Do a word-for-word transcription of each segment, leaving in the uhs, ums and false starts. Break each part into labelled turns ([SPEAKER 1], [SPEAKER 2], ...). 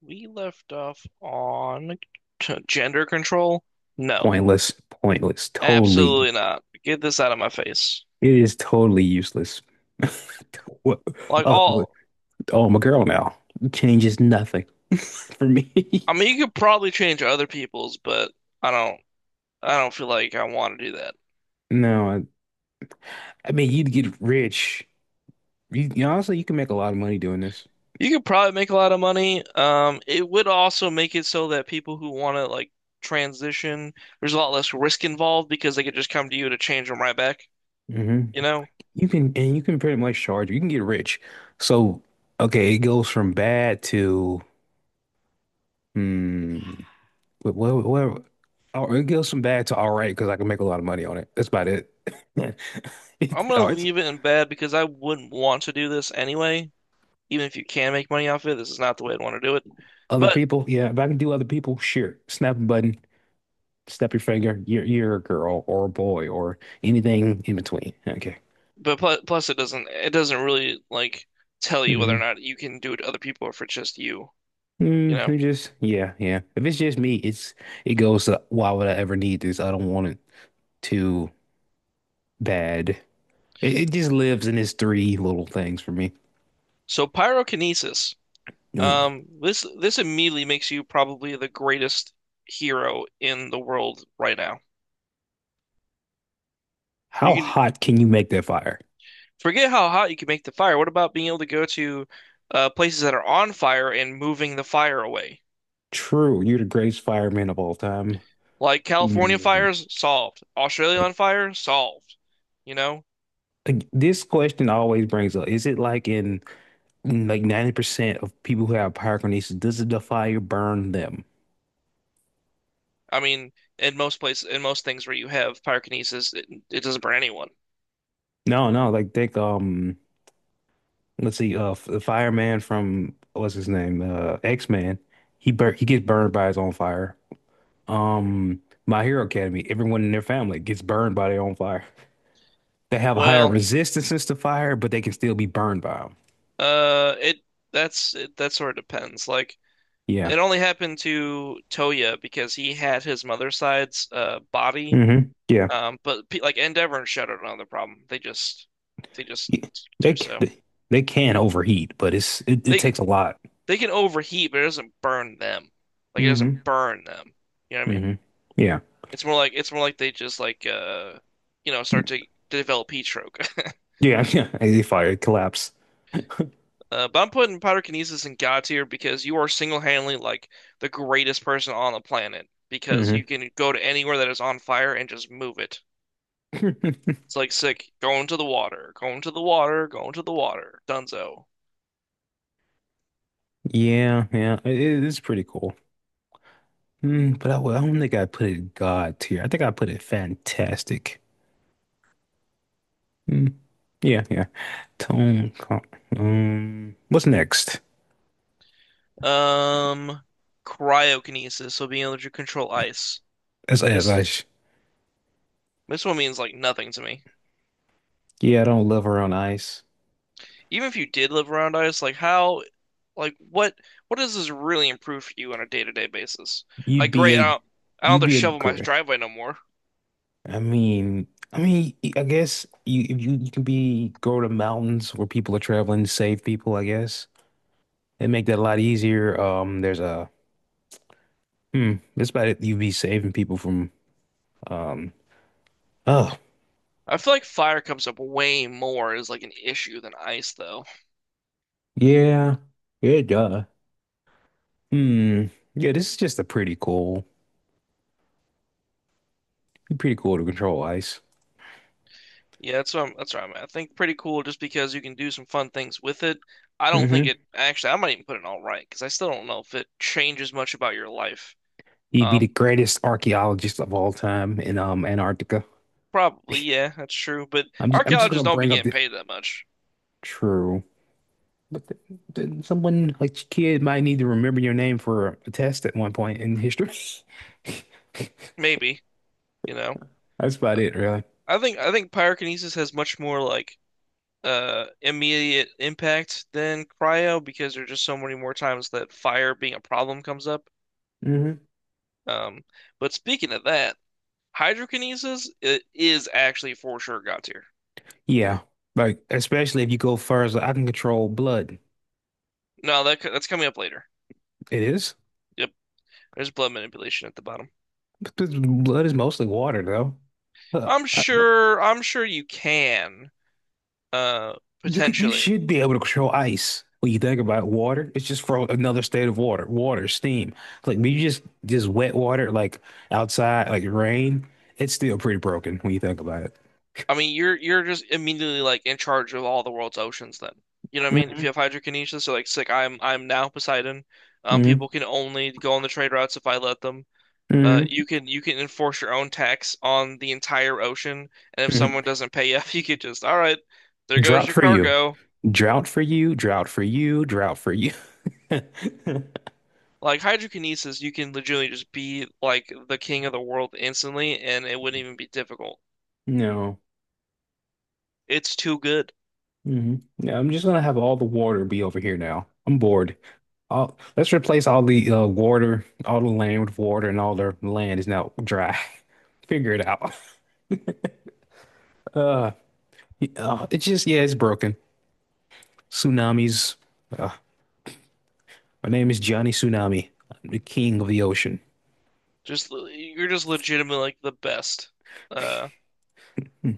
[SPEAKER 1] We left off on t- gender control? No,
[SPEAKER 2] Pointless, pointless, totally.
[SPEAKER 1] absolutely not. Get this out of my face.
[SPEAKER 2] It is totally useless. What?
[SPEAKER 1] Like
[SPEAKER 2] Oh,
[SPEAKER 1] all,
[SPEAKER 2] oh, I'm a girl now. It changes nothing for me.
[SPEAKER 1] I mean, you could probably change other people's, but I don't, I don't feel like I want to do that.
[SPEAKER 2] No, I, I mean you'd get rich. You, you honestly, you can make a lot of money doing this.
[SPEAKER 1] You could probably make a lot of money. Um, it would also make it so that people who want to like transition, there's a lot less risk involved because they could just come to you to change them right back.
[SPEAKER 2] hmm
[SPEAKER 1] You know,
[SPEAKER 2] You can, and you can pretty much charge. You can get rich. So, okay, it goes from bad to hmm. What? What? What- oh, it goes from bad to all right because I can make a lot of money on it. That's about it. It's,
[SPEAKER 1] I'm gonna
[SPEAKER 2] oh, it's
[SPEAKER 1] leave it in bad because I wouldn't want to do this anyway. Even if you can make money off it, this is not the way I'd want to do it.
[SPEAKER 2] Other
[SPEAKER 1] But
[SPEAKER 2] people, yeah. If I can do other people, sure. Snap a button, snap your finger. You're you're a girl or a boy or anything in between. Okay.
[SPEAKER 1] but plus, plus it doesn't it doesn't really like tell you whether
[SPEAKER 2] Mm-hmm.
[SPEAKER 1] or not you can do it to other people or if it's just you, you
[SPEAKER 2] Mm,
[SPEAKER 1] know.
[SPEAKER 2] it just yeah, yeah. If it's just me, it's it goes to why would I ever need this? I don't want it too bad. It, it just lives in its three little things for me.
[SPEAKER 1] So pyrokinesis.
[SPEAKER 2] Mm.
[SPEAKER 1] Um, this this immediately makes you probably the greatest hero in the world right now. You
[SPEAKER 2] How
[SPEAKER 1] can
[SPEAKER 2] hot can you make that fire?
[SPEAKER 1] forget how hot you can make the fire. What about being able to go to uh, places that are on fire and moving the fire away?
[SPEAKER 2] True, you're the greatest fireman of all time.
[SPEAKER 1] Like California
[SPEAKER 2] Mm.
[SPEAKER 1] fires, solved. Australia
[SPEAKER 2] Yeah.
[SPEAKER 1] on fire, solved. You know,
[SPEAKER 2] Like, This question always brings up, is it like in And, like ninety percent of people who have pyrokinesis, does the fire burn them?
[SPEAKER 1] I mean, in most places, in most things where you have pyrokinesis, it, it doesn't burn anyone.
[SPEAKER 2] No, no, like think um let's see, uh the fireman from what's his name? Uh X-Man. He bur he gets burned by his own fire. Um My Hero Academy, everyone in their family gets burned by their own fire. They have higher
[SPEAKER 1] Well,
[SPEAKER 2] resistances to fire, but they can still be burned by them.
[SPEAKER 1] uh, it that's it, that sort of depends. Like,
[SPEAKER 2] Yeah.
[SPEAKER 1] it only happened to Toya because he had his mother's side's uh body.
[SPEAKER 2] hmm Yeah.
[SPEAKER 1] Um, but pe- like Endeavor and Shudder don't have the problem. They just they just
[SPEAKER 2] Y- They
[SPEAKER 1] do
[SPEAKER 2] c-
[SPEAKER 1] so.
[SPEAKER 2] they they can overheat, but it's it, it
[SPEAKER 1] They
[SPEAKER 2] takes a lot.
[SPEAKER 1] they can overheat, but it doesn't burn them. Like it doesn't
[SPEAKER 2] Mm-hmm.
[SPEAKER 1] burn them. You know what I mean?
[SPEAKER 2] hmm Yeah.
[SPEAKER 1] It's more like it's more like they just like uh you know start to develop heat stroke.
[SPEAKER 2] Yeah, yeah. Fire collapse.
[SPEAKER 1] Uh, but I'm putting Pyrokinesis in God tier because you are single-handedly like the greatest person on the planet because you
[SPEAKER 2] hmm
[SPEAKER 1] can go to anywhere that is on fire and just move it. It's like sick. Going to the water, going to the water, going to the water. Dunzo.
[SPEAKER 2] Yeah, yeah, it it is pretty cool. Mm, but I, w- I don't think I put it God tier. I think I put it fantastic. Mm, yeah, yeah. Tone. co- Um, what's next?
[SPEAKER 1] Um, Cryokinesis, so being able to control ice.
[SPEAKER 2] As as
[SPEAKER 1] This
[SPEAKER 2] ice.
[SPEAKER 1] this one means like nothing to me.
[SPEAKER 2] Yeah, I don't love her on ice.
[SPEAKER 1] Even if you did live around ice, like how, like what what does this really improve for you on a day-to-day basis? Like
[SPEAKER 2] You'd be
[SPEAKER 1] great, I
[SPEAKER 2] a,
[SPEAKER 1] don't, I don't
[SPEAKER 2] you'd
[SPEAKER 1] have to
[SPEAKER 2] be a
[SPEAKER 1] shovel my
[SPEAKER 2] girl.
[SPEAKER 1] driveway no more.
[SPEAKER 2] I mean, I mean, I guess you if you you can be go to mountains where people are traveling, save people. I guess and make that a lot easier. Um, there's a hmm. That's about it. You'd be saving people from. Um, oh,
[SPEAKER 1] I feel like fire comes up way more as like an issue than ice, though.
[SPEAKER 2] yeah, yeah, duh. Hmm. Yeah, this is just a pretty cool, pretty cool to control ice.
[SPEAKER 1] Yeah, that's what I'm, that's what I'm at. I think pretty cool just because you can do some fun things with it. I don't think
[SPEAKER 2] hmm
[SPEAKER 1] it actually. I might even put it all right because I still don't know if it changes much about your life.
[SPEAKER 2] He'd be
[SPEAKER 1] Um,
[SPEAKER 2] the greatest archaeologist of all time in um Antarctica.
[SPEAKER 1] Probably yeah, that's true. But
[SPEAKER 2] I'm just, I'm just
[SPEAKER 1] archaeologists
[SPEAKER 2] gonna
[SPEAKER 1] don't be
[SPEAKER 2] bring up
[SPEAKER 1] getting
[SPEAKER 2] the
[SPEAKER 1] paid that much.
[SPEAKER 2] true, but th th someone like your kid might need to remember your name for a test at one point in history.
[SPEAKER 1] Maybe you know.
[SPEAKER 2] That's about it, really.
[SPEAKER 1] I think I think pyrokinesis has much more like uh immediate impact than cryo because there's just so many more times that fire being a problem comes up.
[SPEAKER 2] hmm
[SPEAKER 1] Um, but speaking of that. Hydrokinesis i- is actually for sure God tier.
[SPEAKER 2] Yeah, like especially if you go further, I can control blood.
[SPEAKER 1] No, that that's coming up later.
[SPEAKER 2] It is.
[SPEAKER 1] Yep, there's blood manipulation at the bottom.
[SPEAKER 2] But the blood is mostly water, though. Uh,
[SPEAKER 1] I'm
[SPEAKER 2] I-
[SPEAKER 1] sure. I'm sure you can. Uh,
[SPEAKER 2] you could, you
[SPEAKER 1] potentially.
[SPEAKER 2] should be able to control ice. When you think about water, it's just for another state of water, water, steam. Like when you just just wet water, like outside, like rain. It's still pretty broken when you think about it.
[SPEAKER 1] I mean, you're you're just immediately like in charge of all the world's oceans. Then you know what I mean. If you have
[SPEAKER 2] hmm
[SPEAKER 1] hydrokinesis, so like, it's like I'm I'm now Poseidon. Um, people
[SPEAKER 2] hmm
[SPEAKER 1] can only go on the trade routes if I let them. Uh,
[SPEAKER 2] hmm
[SPEAKER 1] you can you can enforce your own tax on the entire ocean, and if someone
[SPEAKER 2] hmm
[SPEAKER 1] doesn't pay up, you could just all right, there goes
[SPEAKER 2] Drought
[SPEAKER 1] your
[SPEAKER 2] for you,
[SPEAKER 1] cargo.
[SPEAKER 2] drought for you, drought for you, drought for you.
[SPEAKER 1] Like hydrokinesis, you can legitimately just be like the king of the world instantly, and it wouldn't even be difficult.
[SPEAKER 2] No.
[SPEAKER 1] It's too good.
[SPEAKER 2] hmm Yeah, I'm just gonna have all the water be over here now. I'm bored. All, let's replace all the uh, water, all the land with water, and all the land is now dry. Figure it out. Uh, uh, it's just yeah, it's broken. Tsunamis. Uh, my name is Johnny Tsunami. I'm the king of the ocean.
[SPEAKER 1] Just le- you're just legitimately like the best. Uh,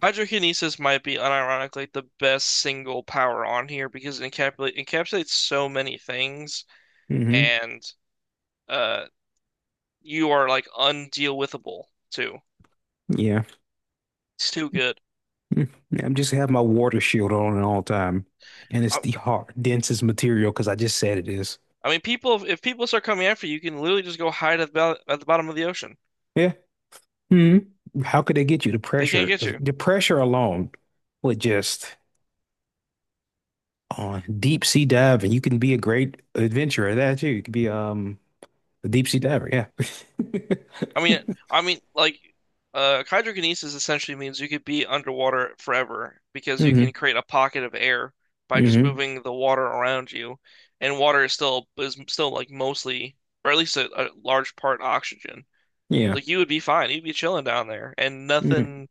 [SPEAKER 1] Hydrokinesis might be unironically the best single power on here because it encapsulate, encapsulates so many things,
[SPEAKER 2] hmm
[SPEAKER 1] and uh, you are like undeal withable too.
[SPEAKER 2] Yeah.
[SPEAKER 1] It's too good.
[SPEAKER 2] Mm. Yeah, I'm just have my water shield on at all time, and it's
[SPEAKER 1] I,
[SPEAKER 2] the hard, densest material because I just said it is.
[SPEAKER 1] I mean, people if people start coming after you, you can literally just go hide at the, bo- at the bottom of the ocean.
[SPEAKER 2] Yeah. hmm How could they get you the
[SPEAKER 1] They can't
[SPEAKER 2] pressure?
[SPEAKER 1] get
[SPEAKER 2] 'Cause
[SPEAKER 1] you.
[SPEAKER 2] the pressure alone would just. On deep sea dive, and you can be a great adventurer that too. You could be um a deep sea diver, yeah.
[SPEAKER 1] I mean, I mean, like, uh, hydrokinesis essentially means you could be underwater forever because you
[SPEAKER 2] hmm
[SPEAKER 1] can create a pocket of air by just
[SPEAKER 2] hmm
[SPEAKER 1] moving the water around you, and water is still is still like mostly, or at least a, a large part oxygen.
[SPEAKER 2] Yeah.
[SPEAKER 1] Like you would be fine, you'd be chilling down there, and
[SPEAKER 2] Mhm.
[SPEAKER 1] nothing.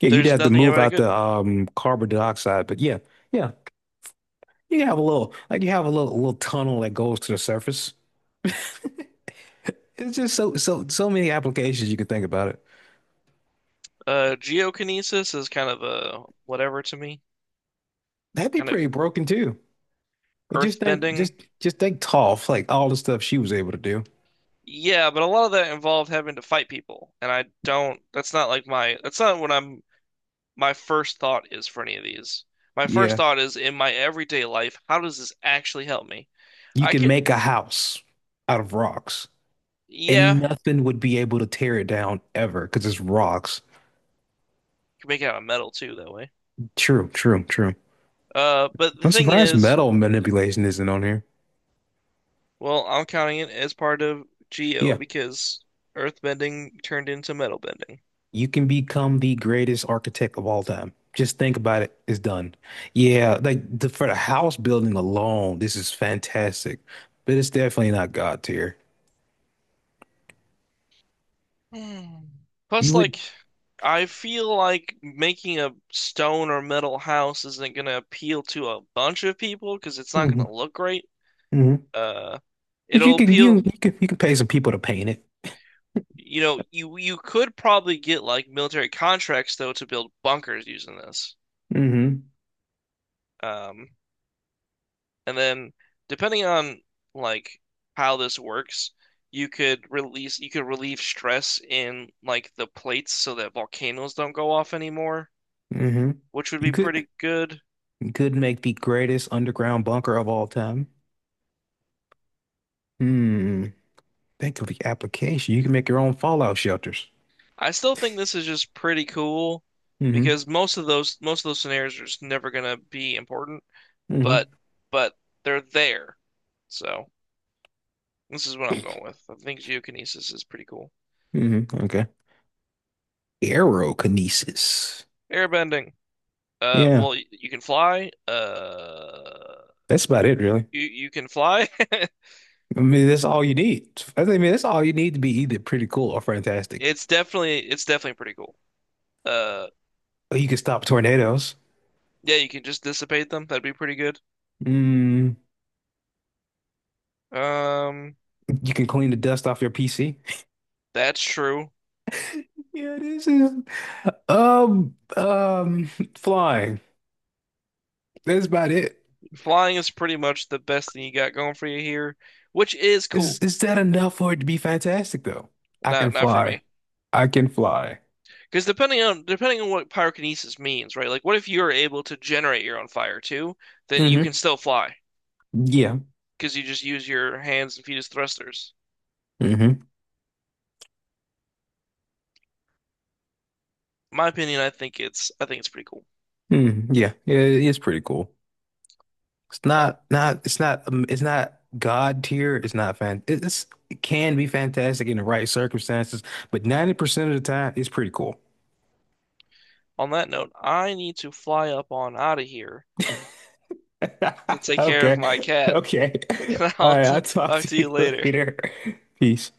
[SPEAKER 2] Yeah, you'd
[SPEAKER 1] There's
[SPEAKER 2] have to
[SPEAKER 1] nothing
[SPEAKER 2] move
[SPEAKER 1] about it
[SPEAKER 2] out
[SPEAKER 1] good.
[SPEAKER 2] the um carbon dioxide, but yeah, yeah. You have a little like you have a little little tunnel that goes to the surface. It's just so so so many applications you could think about it.
[SPEAKER 1] Uh, geokinesis is kind of a whatever to me,
[SPEAKER 2] That'd be
[SPEAKER 1] kind of
[SPEAKER 2] pretty broken too. Like,
[SPEAKER 1] earth
[SPEAKER 2] Just think
[SPEAKER 1] bending.
[SPEAKER 2] just just think Toph, like all the stuff she was able to do.
[SPEAKER 1] Yeah, but a lot of that involved having to fight people, and I don't. That's not like my. That's not what I'm my first thought is for any of these. My first
[SPEAKER 2] Yeah.
[SPEAKER 1] thought is in my everyday life, how does this actually help me?
[SPEAKER 2] You
[SPEAKER 1] I
[SPEAKER 2] can
[SPEAKER 1] could,
[SPEAKER 2] make a house out of rocks. And
[SPEAKER 1] yeah,
[SPEAKER 2] nothing would be able to tear it down ever because it's rocks.
[SPEAKER 1] could make it out of metal too that way.
[SPEAKER 2] True, true, true.
[SPEAKER 1] Uh, but the
[SPEAKER 2] I'm
[SPEAKER 1] thing
[SPEAKER 2] surprised
[SPEAKER 1] is,
[SPEAKER 2] metal manipulation isn't on here.
[SPEAKER 1] Well, I'm counting it as part of Geo
[SPEAKER 2] Yeah,
[SPEAKER 1] because Earthbending turned into metal bending.
[SPEAKER 2] you can become the greatest architect of all time. Just think about it. It's done. Yeah, like the, for the house building alone, this is fantastic. But it's definitely not God tier.
[SPEAKER 1] Mm. Plus,
[SPEAKER 2] You would,
[SPEAKER 1] like, I feel like making a stone or metal house isn't gonna appeal to a bunch of people because it's not
[SPEAKER 2] hmm
[SPEAKER 1] gonna look great.
[SPEAKER 2] hmm
[SPEAKER 1] Uh,
[SPEAKER 2] But you
[SPEAKER 1] It'll
[SPEAKER 2] can you
[SPEAKER 1] appeal.
[SPEAKER 2] you can you can pay some people to paint it.
[SPEAKER 1] You know, you you could probably get like military contracts though to build bunkers using this.
[SPEAKER 2] hmm
[SPEAKER 1] Um, and then depending on like how this works, you could release you could relieve stress in like the plates so that volcanoes don't go off anymore,
[SPEAKER 2] hmm
[SPEAKER 1] which would
[SPEAKER 2] You
[SPEAKER 1] be
[SPEAKER 2] could
[SPEAKER 1] pretty good.
[SPEAKER 2] you could make the greatest underground bunker of all time. Hmm. Think of the application. You can make your own fallout shelters.
[SPEAKER 1] I still think this is just pretty cool
[SPEAKER 2] Mm-hmm.
[SPEAKER 1] because most of those most of those scenarios are just never gonna be important,
[SPEAKER 2] Mm-hmm.
[SPEAKER 1] but but they're there. So this is what I'm going with. I think geokinesis is pretty cool.
[SPEAKER 2] Mm-hmm. Okay. Aerokinesis.
[SPEAKER 1] Airbending. Uh,
[SPEAKER 2] Yeah,
[SPEAKER 1] well, y- you can fly. Uh,
[SPEAKER 2] that's about it, really.
[SPEAKER 1] you you can fly.
[SPEAKER 2] I mean, that's all you need. I mean, that's all you need to be either pretty cool or fantastic.
[SPEAKER 1] It's definitely it's definitely pretty cool. Uh,
[SPEAKER 2] Or you can stop tornadoes.
[SPEAKER 1] yeah, you can just dissipate them. That'd be pretty good.
[SPEAKER 2] Mm,
[SPEAKER 1] Um,
[SPEAKER 2] you can clean the dust off your P C.
[SPEAKER 1] that's true.
[SPEAKER 2] Yeah, this is um um flying. That's about it.
[SPEAKER 1] Flying is pretty much the best thing you got going for you here, which is
[SPEAKER 2] Is
[SPEAKER 1] cool.
[SPEAKER 2] is that enough for it to be fantastic though? I
[SPEAKER 1] Not
[SPEAKER 2] can
[SPEAKER 1] not for
[SPEAKER 2] fly.
[SPEAKER 1] me,
[SPEAKER 2] I can fly.
[SPEAKER 1] because depending on depending on what pyrokinesis means, right? Like, what if you're able to generate your own fire too? Then you can
[SPEAKER 2] Mm-hmm.
[SPEAKER 1] still fly.
[SPEAKER 2] Yeah.
[SPEAKER 1] Because you just use your hands and feet as thrusters.
[SPEAKER 2] hmm
[SPEAKER 1] My opinion, I think it's I think it's pretty cool.
[SPEAKER 2] Mm, yeah, yeah, it is pretty cool. It's not, not, it's not, um, it's not God tier. It's not fan. It- It's, it can be fantastic in the right circumstances, but ninety percent of the time, it's pretty cool.
[SPEAKER 1] On that note, I need to fly up on out of here to take care of
[SPEAKER 2] Okay.
[SPEAKER 1] my cat,
[SPEAKER 2] Okay.
[SPEAKER 1] and
[SPEAKER 2] All
[SPEAKER 1] I'll
[SPEAKER 2] right.
[SPEAKER 1] t
[SPEAKER 2] I'll talk
[SPEAKER 1] talk
[SPEAKER 2] to
[SPEAKER 1] to you
[SPEAKER 2] you
[SPEAKER 1] later.
[SPEAKER 2] later. Peace.